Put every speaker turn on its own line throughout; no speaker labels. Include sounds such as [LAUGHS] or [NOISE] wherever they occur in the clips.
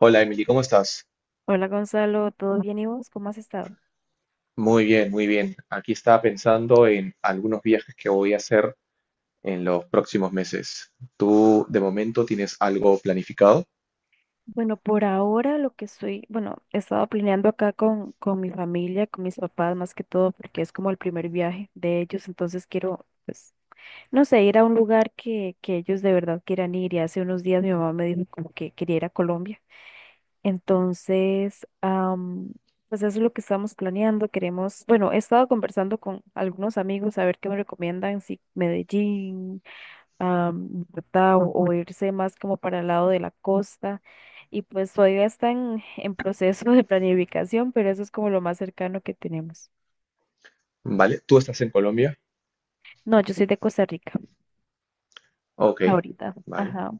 Hola Emily, ¿cómo estás?
Hola Gonzalo, ¿todo bien y vos? ¿Cómo has estado?
Muy bien, muy bien. Aquí estaba pensando en algunos viajes que voy a hacer en los próximos meses. ¿Tú de momento tienes algo planificado?
Bueno, por ahora lo que estoy, bueno, he estado planeando acá con mi familia, con mis papás más que todo, porque es como el primer viaje de ellos, entonces quiero, pues, no sé, ir a un lugar que ellos de verdad quieran ir. Y hace unos días mi mamá me dijo como que quería ir a Colombia. Entonces, pues eso es lo que estamos planeando. Queremos, bueno, he estado conversando con algunos amigos a ver qué me recomiendan, si Medellín. Ah, ¿verdad? O irse más como para el lado de la costa. Y pues todavía están en proceso de planificación, pero eso es como lo más cercano que tenemos.
¿Vale? ¿Tú estás en Colombia?
No, yo soy de Costa Rica
Ok,
ahorita.
vale,
Ajá.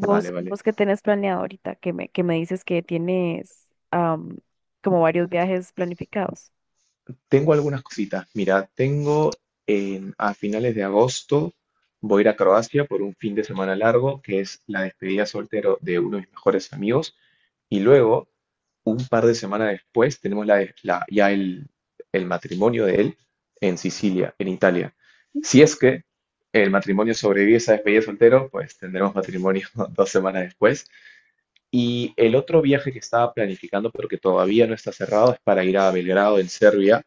vale, vale.
vos que tenés planeado ahorita, que me dices que tienes como varios viajes planificados.
Tengo algunas cositas. Mira, tengo a finales de agosto, voy a ir a Croacia por un fin de semana largo, que es la despedida soltero de uno de mis mejores amigos. Y luego, un par de semanas después, tenemos el matrimonio de él en Sicilia, en Italia. Si es que el matrimonio sobrevive a esa despedida de soltero, pues tendremos matrimonio [LAUGHS] 2 semanas después. Y el otro viaje que estaba planificando, pero que todavía no está cerrado, es para ir a Belgrado, en Serbia,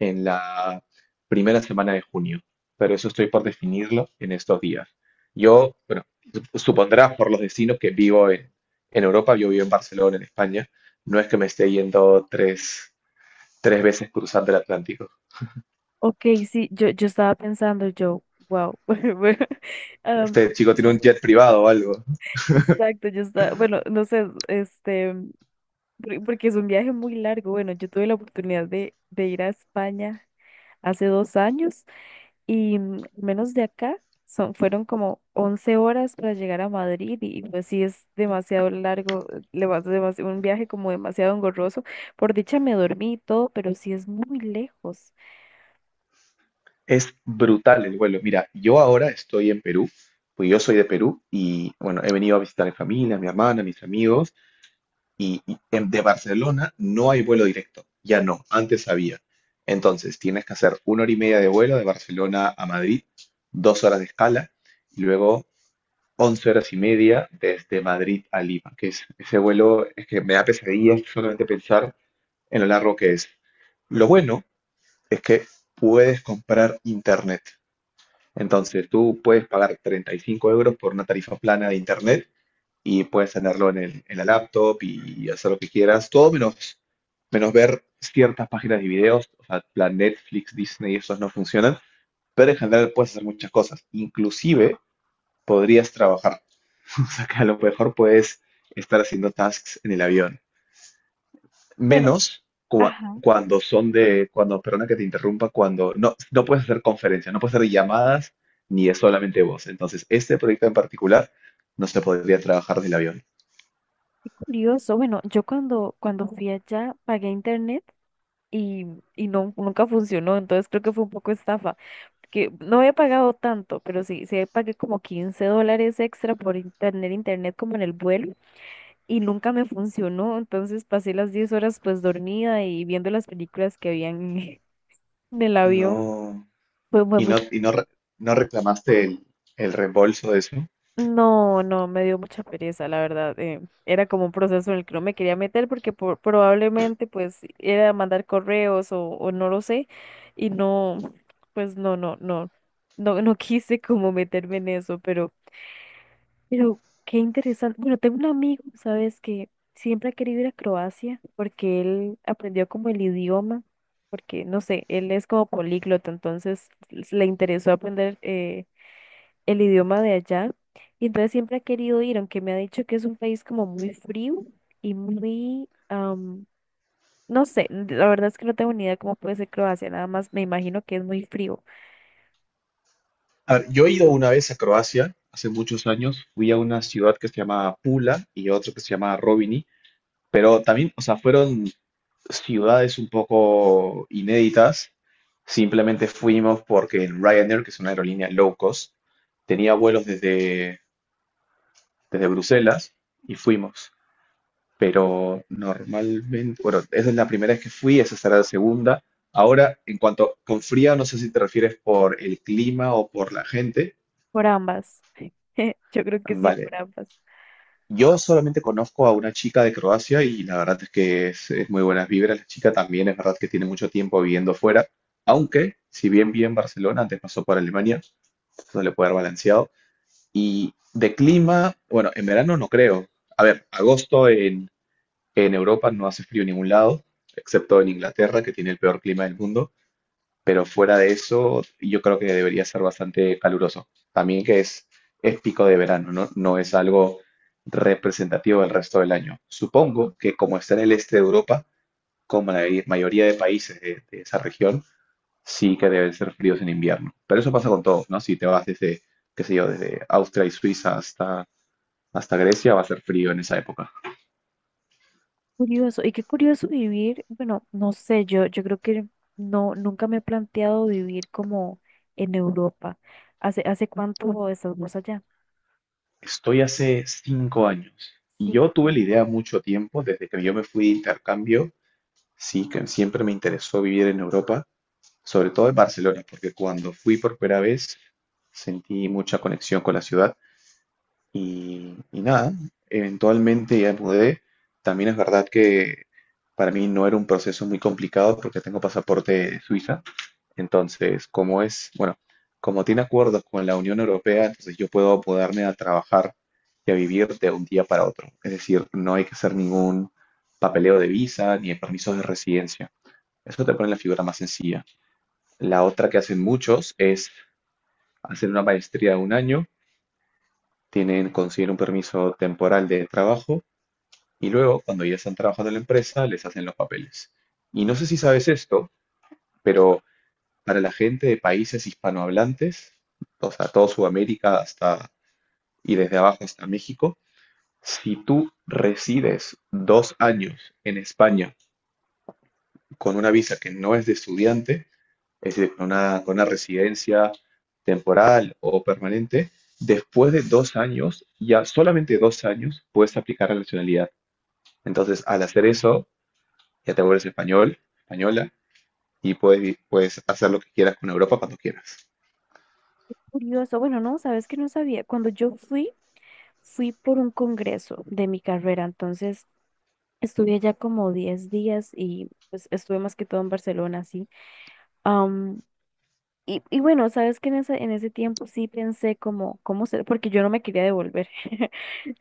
en la primera semana de junio, pero eso estoy por definirlo en estos días. Yo, bueno, supondrás por los destinos que vivo en Europa. Yo vivo en Barcelona, en España, no es que me esté yendo tres veces cruzando el Atlántico.
Ok, sí, yo estaba pensando, yo, wow, [LAUGHS] bueno, am,
Este chico tiene un
son-
jet privado o algo.
exacto, yo estaba, bueno, no sé, este, Porque es un viaje muy largo. Bueno, yo tuve la oportunidad de ir a España hace 2 años y al menos de acá fueron como 11 horas para llegar a Madrid y pues sí es demasiado largo, le vas demasiado un viaje como demasiado engorroso. Por dicha me dormí y todo, pero sí es muy lejos.
Es brutal el vuelo. Mira, yo ahora estoy en Perú, pues yo soy de Perú y bueno, he venido a visitar a mi familia, a mi hermana, a mis amigos y de Barcelona no hay vuelo directo, ya no, antes había. Entonces tienes que hacer 1 hora y media de vuelo de Barcelona a Madrid, 2 horas de escala y luego 11 horas y media desde Madrid a Lima, que es ese vuelo es que me da pesadillas solamente pensar en lo largo que es. Lo bueno es que puedes comprar internet. Entonces tú puedes pagar 35 € por una tarifa plana de internet y puedes tenerlo en, en la laptop y hacer lo que quieras, todo menos, menos ver ciertas páginas de videos, o sea, plan Netflix, Disney, esos no funcionan, pero en general puedes hacer muchas cosas, inclusive podrías trabajar, [LAUGHS] o sea, que a lo mejor puedes estar haciendo tasks en el avión,
Bueno,
menos
ajá,
cuando, perdona que te interrumpa, cuando no puedes hacer conferencias, no puedes hacer llamadas, ni es solamente voz. Entonces, este proyecto en particular no se podría trabajar del avión.
qué curioso. Bueno, yo cuando, cuando fui allá pagué internet y, y no, nunca funcionó, entonces creo que fue un poco estafa. Que no había pagado tanto, pero sí, sí pagué como $15 extra por tener internet como en el vuelo y nunca me funcionó, entonces pasé las 10 horas pues dormida y viendo las películas que habían [LAUGHS] en el avión.
No.
Fue
¿Y no,
muy...
y no, re- no reclamaste el reembolso de eso?
No, no, me dio mucha pereza, la verdad. Era como un proceso en el que no me quería meter porque probablemente pues era mandar correos o no lo sé y no, pues no, no, no, no, no [LAUGHS] quise como meterme en eso, pero... Pero qué interesante. Bueno, tengo un amigo, ¿sabes? Que siempre ha querido ir a Croacia porque él aprendió como el idioma, porque no sé, él es como políglota, entonces le interesó aprender el idioma de allá. Y entonces siempre ha querido ir, aunque me ha dicho que es un país como muy frío y muy, no sé, la verdad es que no tengo ni idea cómo puede ser Croacia, nada más me imagino que es muy frío
A ver, yo he ido una vez a Croacia, hace muchos años, fui a una ciudad que se llama Pula y otra que se llama Robini, pero también, o sea, fueron ciudades un poco inéditas. Simplemente fuimos porque el Ryanair, que es una aerolínea low cost, tenía vuelos desde, Bruselas y fuimos. Pero normalmente, bueno, esa es la primera vez que fui, esa será la segunda. Ahora, en cuanto con frío, no sé si te refieres por el clima o por la gente.
por ambas. [LAUGHS] Yo creo que sí,
Vale,
por ambas.
yo solamente conozco a una chica de Croacia y la verdad es que es muy buenas vibras. La chica también es verdad que tiene mucho tiempo viviendo fuera, aunque si bien vive en Barcelona, antes pasó por Alemania, eso le puede haber balanceado. Y de clima, bueno, en verano no creo. A ver, agosto en Europa no hace frío en ningún lado, excepto en Inglaterra, que tiene el peor clima del mundo, pero fuera de eso, yo creo que debería ser bastante caluroso. También que es, pico de verano, ¿no? No es algo representativo del resto del año. Supongo que como está en el este de Europa, como la mayoría de países de, esa región, sí que deben ser fríos en invierno. Pero eso pasa con todo, ¿no? Si te vas desde, qué sé yo, desde Austria y Suiza hasta Grecia, va a ser frío en esa época.
Curioso, y qué curioso vivir, bueno, no sé, yo creo que no, nunca me he planteado vivir como en Europa. ¿Hace cuánto estás vos allá?
Estoy hace 5 años y yo
Cinco
tuve la
años.
idea mucho tiempo, desde que yo me fui de intercambio, sí, que siempre me interesó vivir en Europa, sobre todo en Barcelona, porque cuando fui por primera vez sentí mucha conexión con la ciudad y nada, eventualmente ya me mudé. También es verdad que para mí no era un proceso muy complicado porque tengo pasaporte de Suiza, entonces, como es, bueno, como tiene acuerdos con la Unión Europea, entonces yo puedo poderme a trabajar y a vivir de un día para otro. Es decir, no hay que hacer ningún papeleo de visa ni de permisos de residencia. Eso te pone la figura más sencilla. La otra que hacen muchos es hacer una maestría de un año, tienen, consiguen un permiso temporal de trabajo y luego, cuando ya están trabajando en la empresa, les hacen los papeles. Y no sé si sabes esto, pero para la gente de países hispanohablantes, o sea, toda Sudamérica hasta y desde abajo hasta México, si tú resides 2 años en España con una visa que no es de estudiante, es decir, con una residencia temporal o permanente, después de 2 años, ya solamente 2 años, puedes aplicar la nacionalidad. Entonces, al hacer eso, ya te vuelves español, española, y puedes, puedes hacer lo que quieras con Europa cuando quieras.
Curioso, bueno, no, sabes que no sabía. Cuando yo fui, fui por un congreso de mi carrera, entonces estuve allá como 10 días y pues estuve más que todo en Barcelona, sí. Am, y bueno, sabes que en ese tiempo sí pensé como, cómo ser, porque yo no me quería devolver. [LAUGHS]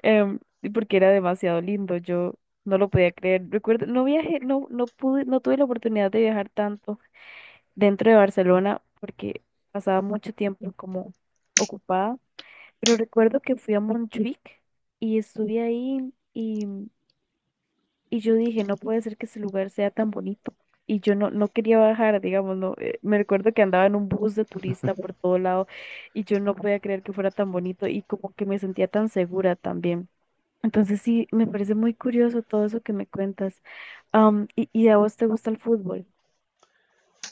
y porque era demasiado lindo, yo no lo podía creer. Recuerdo, no viajé, no, no pude, no tuve la oportunidad de viajar tanto dentro de Barcelona porque pasaba mucho tiempo como ocupada, pero recuerdo que fui a Montjuic y estuve ahí y yo dije, no puede ser que ese lugar sea tan bonito. Y yo no, no quería bajar, digamos, no, me recuerdo que andaba en un bus de turista por todo lado y yo no podía creer que fuera tan bonito y como que me sentía tan segura también. Entonces sí, me parece muy curioso todo eso que me cuentas. Y a vos te gusta el fútbol.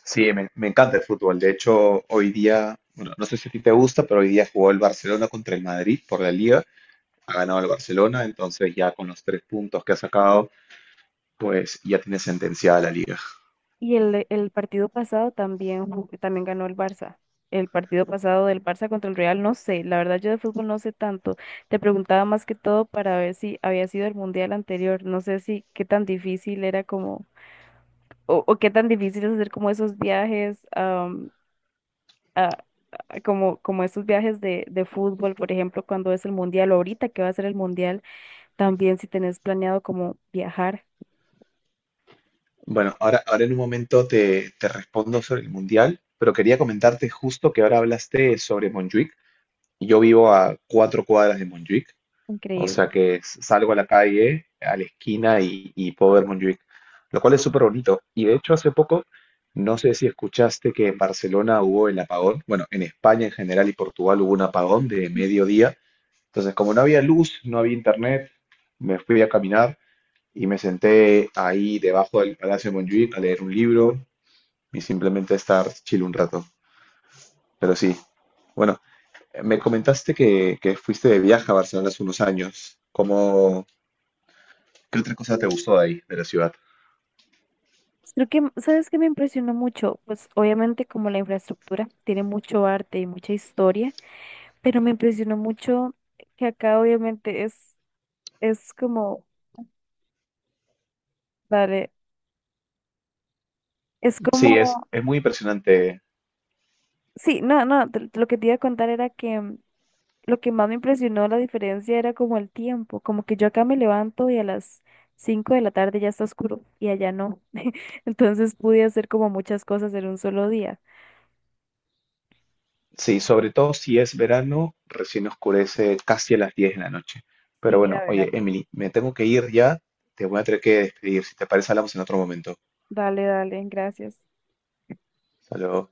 Sí, me encanta el fútbol. De hecho, hoy día, bueno, no sé si a ti te gusta, pero hoy día jugó el Barcelona contra el Madrid por la Liga. Ha ganado el Barcelona, entonces ya con los tres puntos que ha sacado, pues ya tiene sentenciada la Liga.
Y el partido pasado también, también ganó el Barça. El partido pasado del Barça contra el Real, no sé, la verdad yo de fútbol no sé tanto. Te preguntaba más que todo para ver si había sido el mundial anterior. No sé si qué tan difícil era como, o qué tan difícil es hacer como esos viajes, a- como, como esos viajes de fútbol, por ejemplo, cuando es el mundial, o ahorita que va a ser el mundial. También si tenés planeado como viajar,
Bueno, ahora, ahora en un momento te respondo sobre el Mundial, pero quería comentarte justo que ahora hablaste sobre Montjuic. Yo vivo a 4 cuadras de Montjuic. O
increíble.
sea que salgo a la calle, a la esquina y puedo ver Montjuic, lo cual es súper bonito. Y de hecho hace poco, no sé si escuchaste que en Barcelona hubo el apagón, bueno, en España en general y Portugal hubo un apagón de mediodía. Entonces, como no había luz, no había internet, me fui a caminar y me senté ahí debajo del Palacio de Montjuic a leer un libro y simplemente a estar chill un rato. Pero sí, bueno, me comentaste que fuiste de viaje a Barcelona hace unos años. ¿Cómo, qué otra cosa te gustó de ahí, de la ciudad?
Creo que, ¿sabes qué me impresionó mucho? Pues obviamente como la infraestructura tiene mucho arte y mucha historia, pero me impresionó mucho que acá obviamente es como, vale, es
Sí, es,
como,
es muy impresionante.
sí, no, no, lo que te iba a contar era que lo que más me impresionó la diferencia era como el tiempo, como que yo acá me levanto y a las 5 de la tarde ya está oscuro y allá no. [LAUGHS] Entonces pude hacer como muchas cosas en un solo día.
Sí, sobre todo si es verano, recién oscurece casi a las 10 de la noche. Pero
Sí,
bueno,
era
oye,
verano.
Emily, me tengo que ir ya. Te voy a tener que despedir. Si te parece, hablamos en otro momento.
Dale, dale, gracias.
Saludos.